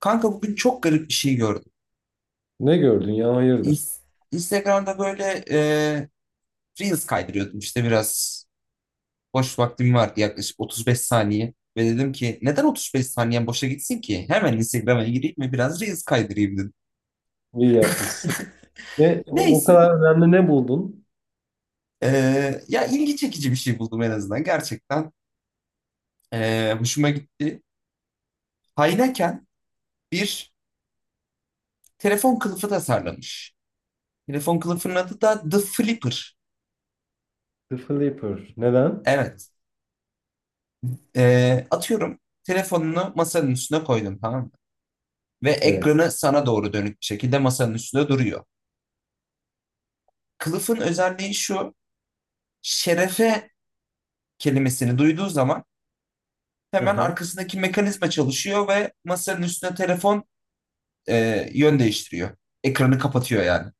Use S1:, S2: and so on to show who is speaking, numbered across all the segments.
S1: Kanka bugün çok garip bir şey gördüm.
S2: Ne gördün ya, hayırdır?
S1: İns- Instagram'da böyle Reels kaydırıyordum işte biraz. Boş vaktim vardı, yaklaşık 35 saniye. Ve dedim ki neden 35 saniyen boşa gitsin ki? Hemen Instagram'a gireyim ve biraz Reels kaydırayım dedim.
S2: İyi yapmışsın. Ne, o
S1: Neyse.
S2: kadar önemli ne buldun?
S1: e, Ya ilgi çekici bir şey buldum en azından. Gerçekten hoşuma gitti. Hayneken bir telefon kılıfı tasarlamış. Telefon kılıfının adı da The Flipper.
S2: The Flipper. Neden?
S1: Evet. Atıyorum, telefonunu masanın üstüne koydum, tamam mı? Ve
S2: Evet.
S1: ekranı sana doğru dönük bir şekilde masanın üstünde duruyor. Kılıfın özelliği şu, şerefe kelimesini duyduğu zaman hemen
S2: Aha.
S1: arkasındaki mekanizma çalışıyor ve masanın üstüne telefon yön değiştiriyor. Ekranı kapatıyor yani.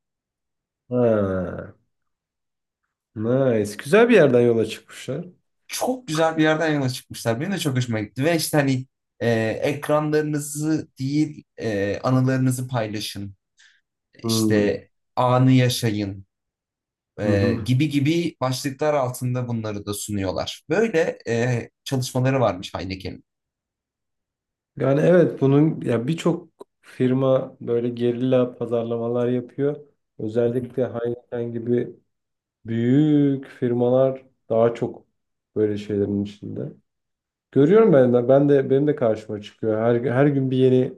S2: Ha. Nice. Güzel bir yerden yola çıkmışlar.
S1: Çok güzel bir yerden yola çıkmışlar. Benim de çok hoşuma gitti ve işte hani e, ekranlarınızı değil anılarınızı paylaşın.
S2: Hmm.
S1: İşte anı yaşayın,
S2: Hı hı.
S1: gibi gibi başlıklar altında bunları da sunuyorlar. Böyle çalışmaları varmış Heineken'in.
S2: Yani evet, bunun ya birçok firma böyle gerilla pazarlamalar yapıyor. Özellikle Heineken gibi büyük firmalar daha çok böyle şeylerin içinde. Görüyorum, ben de benim de karşıma çıkıyor. Her gün bir yeni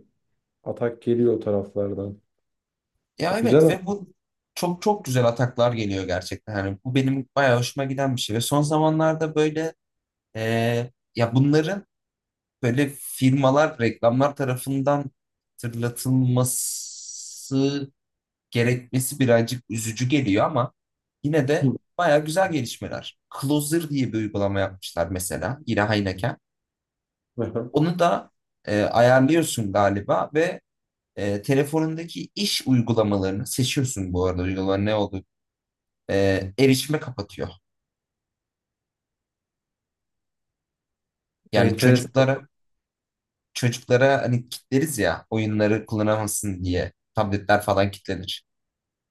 S2: atak geliyor o taraflardan.
S1: Ya evet,
S2: Güzel.
S1: ve bu çok çok güzel ataklar geliyor gerçekten. Yani bu benim bayağı hoşuma giden bir şey ve son zamanlarda böyle e, ya bunların böyle firmalar, reklamlar tarafından hatırlatılması gerekmesi birazcık üzücü geliyor ama yine
S2: Hı.
S1: de bayağı güzel gelişmeler. Closer diye bir uygulama yapmışlar mesela, yine Heineken.
S2: Aha.
S1: Onu da ayarlıyorsun galiba ve telefonundaki iş uygulamalarını seçiyorsun. Bu arada uygulamalar ne oldu? Erişime kapatıyor. Yani
S2: Enteresan.
S1: çocuklara hani kilitleriz ya, oyunları kullanamasın diye tabletler falan kilitlenir.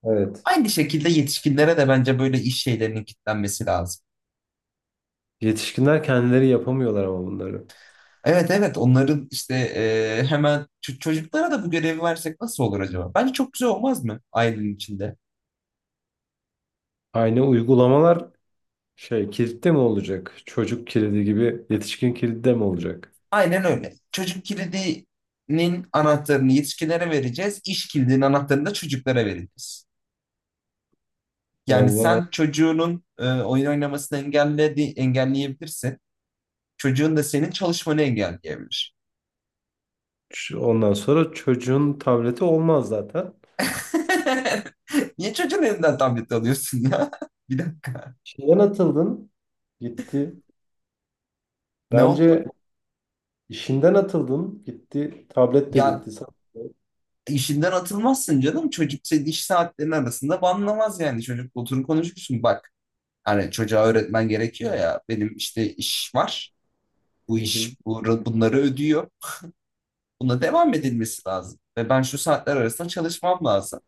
S2: Evet.
S1: Aynı şekilde yetişkinlere de bence böyle iş şeylerinin kilitlenmesi lazım.
S2: Yetişkinler kendileri yapamıyorlar ama bunları.
S1: Evet evet, onların işte hemen çocuklara da bu görevi versek nasıl olur acaba? Bence çok güzel olmaz mı ailenin içinde?
S2: Aynı uygulamalar şey kilitte mi olacak? Çocuk kilidi gibi yetişkin kilidi de mi olacak?
S1: Aynen öyle. Çocuk kilidinin anahtarını yetişkinlere vereceğiz. İş kilidinin anahtarını da çocuklara vereceğiz. Yani
S2: Allah.
S1: sen çocuğunun oyun oynamasını engelledi, engelleyebilirsin. Çocuğun da senin çalışmanı engelleyebilir.
S2: Ondan sonra çocuğun tableti olmaz zaten.
S1: Niye çocuğun elinden tablet alıyorsun ya? Bir dakika.
S2: İşinden atıldın, gitti.
S1: Ne oldu?
S2: Bence işinden atıldın, gitti. Tablet de
S1: Ya
S2: gitti.
S1: işinden atılmazsın canım. Çocuk senin iş saatlerinin arasında banlamaz yani. Çocuk oturun konuşursun. Bak hani çocuğa öğretmen gerekiyor ya. Benim işte iş var. Bu
S2: Hı hı.
S1: iş bunları ödüyor. Buna devam edilmesi lazım. Ve ben şu saatler arasında çalışmam lazım.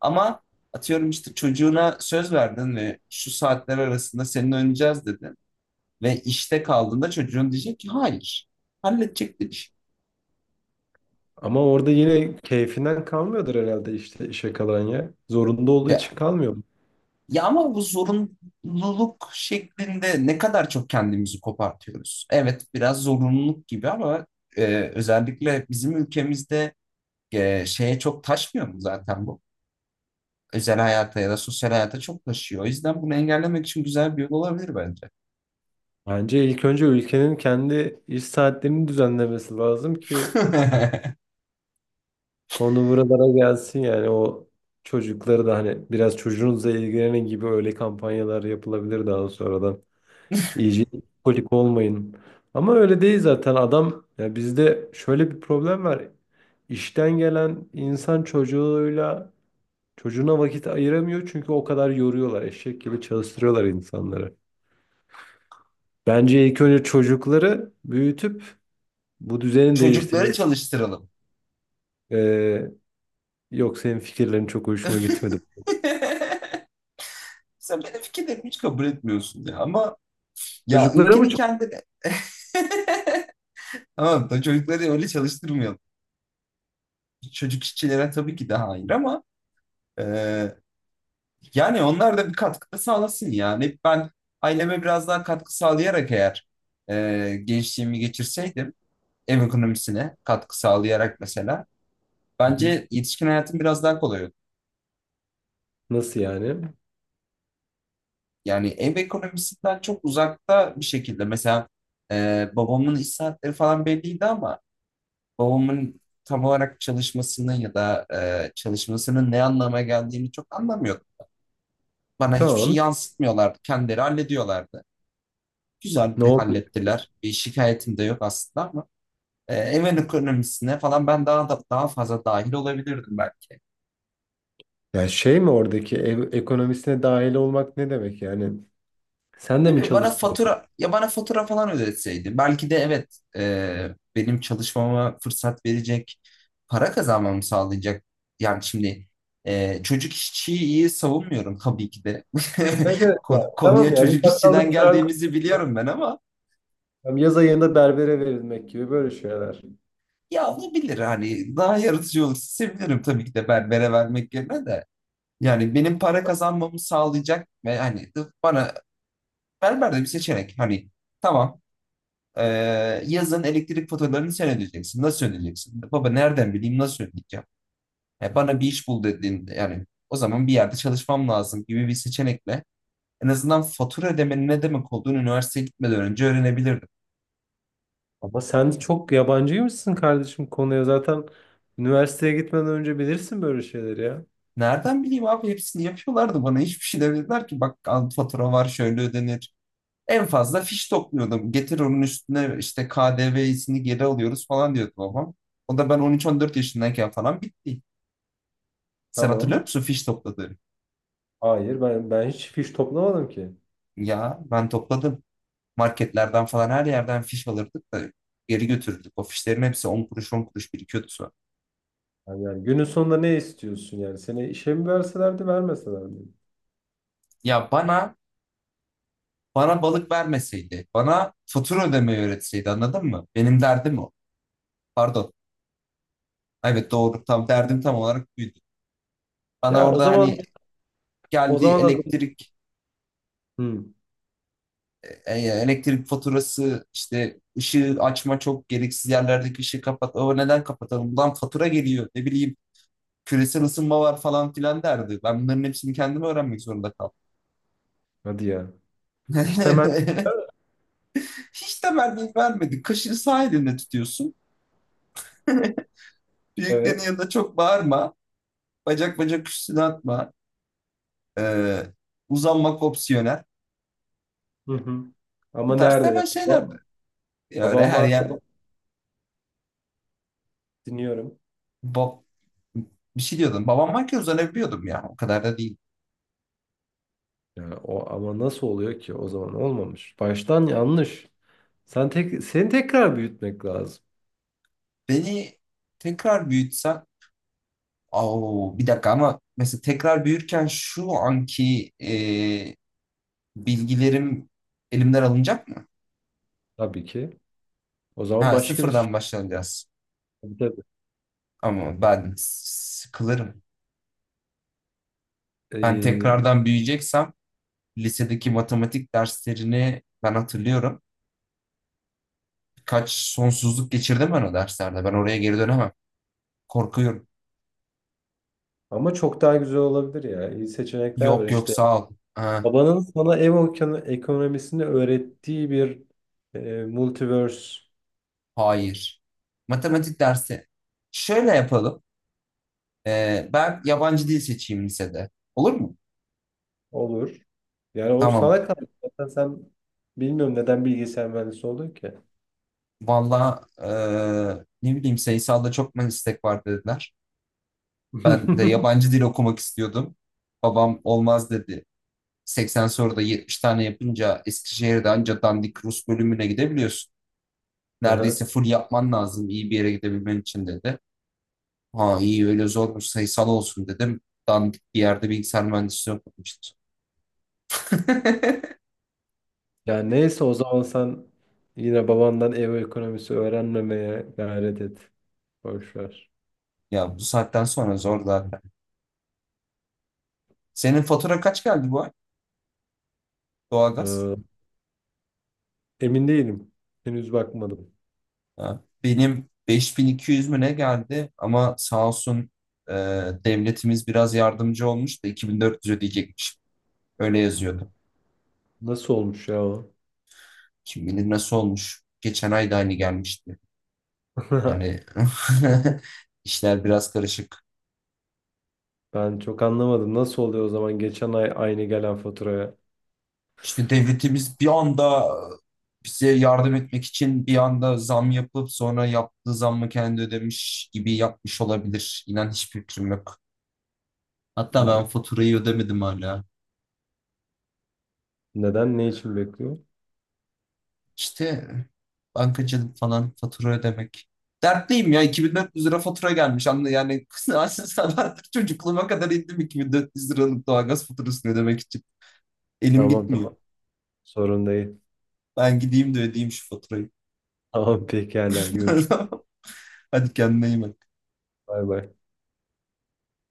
S1: Ama atıyorum işte çocuğuna söz verdin ve şu saatler arasında seninle oynayacağız dedin. Ve işte kaldığında çocuğun diyecek ki hayır. Halledecek demiş.
S2: Ama orada yine keyfinden kalmıyordur herhalde işte, işe kalan ya. Zorunda olduğu
S1: Ya,
S2: için kalmıyor.
S1: ya ama bu zorunluluk şeklinde ne kadar çok kendimizi kopartıyoruz. Evet biraz zorunluluk gibi ama e, özellikle bizim ülkemizde şeye çok taşmıyor mu zaten bu? Özel hayata ya da sosyal hayata çok taşıyor. O yüzden bunu engellemek için güzel bir yol olabilir bence.
S2: Bence ilk önce ülkenin kendi iş saatlerini düzenlemesi lazım ki konu buralara gelsin yani, o çocukları da hani biraz çocuğunuzla ilgilenin gibi öyle kampanyalar yapılabilir daha sonradan. İyice kolik olmayın. Ama öyle değil zaten adam ya, bizde şöyle bir problem var. İşten gelen insan çocuğuyla, çocuğuna vakit ayıramıyor çünkü o kadar yoruyorlar. Eşek gibi çalıştırıyorlar insanları. Bence ilk önce çocukları büyütüp bu düzeni değiştirme.
S1: Çocukları çalıştıralım.
S2: Ee, Yok, senin fikirlerin çok hoşuma gitmedi.
S1: Sen benim fikirlerimi hiç kabul etmiyorsun ya, ama ya
S2: Çocuklara mı
S1: ülkenin
S2: çok?
S1: kendine Tamam da çocukları öyle çalıştırmayalım. Çocuk işçilere tabii ki de hayır ama e, yani onlar da bir katkı sağlasın yani. Ben aileme biraz daha katkı sağlayarak eğer gençliğimi geçirseydim, ev ekonomisine katkı sağlayarak mesela.
S2: Hı hı.
S1: Bence yetişkin hayatın biraz daha kolay.
S2: Nasıl yani?
S1: Yani ev ekonomisinden çok uzakta bir şekilde. Mesela babamın iş saatleri falan belliydi ama babamın tam olarak çalışmasını ya da çalışmasının ne anlama geldiğini çok anlamıyordum. Bana hiçbir şey
S2: Tamam.
S1: yansıtmıyorlardı. Kendileri hallediyorlardı. Güzel
S2: Ne
S1: de
S2: oldu?
S1: hallettiler. Bir şikayetim de yok aslında ama ev ekonomisine falan ben daha fazla dahil olabilirdim belki.
S2: Yani şey mi, oradaki ev ekonomisine dahil olmak ne demek yani? Sen de
S1: Ne
S2: mi
S1: bileyim,
S2: çalışsın?
S1: bana fatura falan ödetseydi belki de, evet, benim çalışmama fırsat verecek, para kazanmamı sağlayacak. Yani şimdi çocuk işçiyi iyi savunmuyorum tabii ki de.
S2: Evet, evet ya. Tamam
S1: Konuya
S2: ya, bir
S1: çocuk
S2: bakkalda
S1: işçiden
S2: çırak
S1: geldiğimizi
S2: olmak,
S1: biliyorum ben ama
S2: yaz ayında berbere verilmek gibi böyle şeyler.
S1: ya, olabilir hani. Daha yaratıcı olursa sevinirim tabii ki de. Berbere vermek yerine de, yani benim para kazanmamı sağlayacak ve hani, bana berber de bir seçenek hani, tamam. Ee, yazın elektrik faturalarını sen ödeyeceksin. Nasıl ödeyeceksin? Baba, nereden bileyim nasıl ödeyeceğim? Ya bana bir iş bul dediğinde, yani o zaman bir yerde çalışmam lazım gibi bir seçenekle en azından fatura ödemenin ne demek olduğunu üniversiteye gitmeden önce öğrenebilirdim.
S2: Ama sen çok yabancıymışsın kardeşim konuya. Zaten üniversiteye gitmeden önce bilirsin böyle şeyleri ya.
S1: Nereden bileyim abi, hepsini yapıyorlardı. Bana hiçbir şey demediler ki, bak al, fatura var, şöyle ödenir. En fazla fiş topluyordum. Getir, onun üstüne işte K D V'sini geri alıyoruz falan diyordu babam. O da ben 13-14 yaşındayken falan bitti. Sen hatırlıyor
S2: Tamam.
S1: musun fiş topladığını?
S2: Hayır, ben hiç fiş toplamadım ki.
S1: Ya ben topladım. Marketlerden falan, her yerden fiş alırdık da geri götürdük. O fişlerin hepsi 10 kuruş 10 kuruş birikiyordu sonra.
S2: Yani günün sonunda ne istiyorsun yani? Seni işe mi verselerdi, vermeselerdi?
S1: Ya bana balık vermeseydi, bana fatura ödemeyi öğretseydi, anladın mı? Benim derdim o. Pardon. Evet doğru, tam derdim tam olarak buydu. Bana
S2: Ya o
S1: orada
S2: zaman
S1: hani
S2: o
S1: geldi
S2: zaman da.
S1: elektrik
S2: Hı,
S1: elektrik faturası, işte ışığı açma, çok gereksiz yerlerdeki ışığı kapat. O neden kapatalım? Lan fatura geliyor, ne bileyim küresel ısınma var falan filan derdi. Ben bunların hepsini kendim öğrenmek zorunda kaldım.
S2: hadi ya. İş temel,
S1: Hiç de temenni vermedi. Kaşığı sağ elinle tutuyorsun. Büyüklerin
S2: evet.
S1: yanında çok bağırma. Bacak bacak üstüne atma. Ee, uzanmak opsiyonel.
S2: Hı hı.
S1: Bu
S2: Ama
S1: tarz
S2: nerede ya?
S1: hemen şeyler.
S2: Babam,
S1: Ya öyle
S2: babam
S1: her
S2: var,
S1: yer
S2: dinliyorum.
S1: Bab, bir şey diyordum. Babam varken uzanabiliyordum ya. O kadar da değil.
S2: Ya o, ama nasıl oluyor ki, o zaman olmamış. Baştan yanlış. Sen tek, seni tekrar büyütmek lazım
S1: Beni tekrar büyütsen, oo, bir dakika, ama mesela tekrar büyürken şu anki bilgilerim elimden alınacak mı?
S2: tabii ki. O zaman
S1: Ha,
S2: başka bir
S1: sıfırdan
S2: şey.
S1: başlayacağız.
S2: Tabii, tabii.
S1: Ama ben sıkılırım. Ben
S2: Ee,
S1: tekrardan büyüyeceksem lisedeki matematik derslerini ben hatırlıyorum. Birkaç sonsuzluk geçirdim ben o derslerde. Ben oraya geri dönemem. Korkuyorum.
S2: Ama çok daha güzel olabilir ya. İyi seçenekler var
S1: Yok yok,
S2: işte.
S1: sağ ol. Ha,
S2: Babanın sana ev ekonomisini öğrettiği bir multiverse
S1: hayır. Matematik dersi. Şöyle yapalım. Ben yabancı dil seçeyim lisede. Olur mu?
S2: olur. Yani o
S1: Tamam.
S2: sana kalmış. Zaten sen, bilmiyorum neden bilgisayar mühendisi oldun ki.
S1: Valla, ne bileyim, sayısalda çok meslek var dediler. Ben de yabancı dil okumak istiyordum. Babam olmaz dedi. 80 soruda 70 tane yapınca Eskişehir'de anca dandik Rus bölümüne gidebiliyorsun.
S2: Aha.
S1: Neredeyse full yapman lazım iyi bir yere gidebilmen için dedi. Ha iyi, öyle zormuş, sayısal olsun dedim. Dandik bir yerde bilgisayar mühendisliği okumuştum.
S2: Yani neyse, o zaman sen yine babandan ev ekonomisi öğrenmemeye gayret et. Boş ver.
S1: Ya bu saatten sonra zor zaten. Senin fatura kaç geldi bu ay? Doğalgaz.
S2: Ee, Emin değilim. Henüz bakmadım.
S1: Ha, benim 5200 mü ne geldi ama sağ olsun e, devletimiz biraz yardımcı olmuş da 2400 ödeyecekmiş. Öyle yazıyordu.
S2: Nasıl olmuş ya o?
S1: Kim bilir nasıl olmuş. Geçen ay da aynı gelmişti. Yani işler biraz karışık.
S2: Ben çok anlamadım. Nasıl oluyor o zaman, geçen ay aynı gelen faturaya?
S1: İşte devletimiz bir anda bize yardım etmek için bir anda zam yapıp sonra yaptığı zammı kendi ödemiş gibi yapmış olabilir. İnan hiçbir fikrim yok. Hatta
S2: Ne-
S1: ben faturayı ödemedim hala.
S2: Neden? Ne için bekliyor?
S1: İşte bankacılık falan, fatura ödemek. Dertliyim ya, 2400 lira fatura gelmiş. Anla yani. Aslında çocukluğuma kadar indim 2400 liralık doğalgaz faturasını ödemek için. Elim
S2: Tamam, tamam,
S1: gitmiyor.
S2: sorun değil.
S1: Ben gideyim de ödeyeyim şu faturayı.
S2: Tamam, pekala, görüşürüz.
S1: Hadi kendine iyi bak.
S2: Bay bay.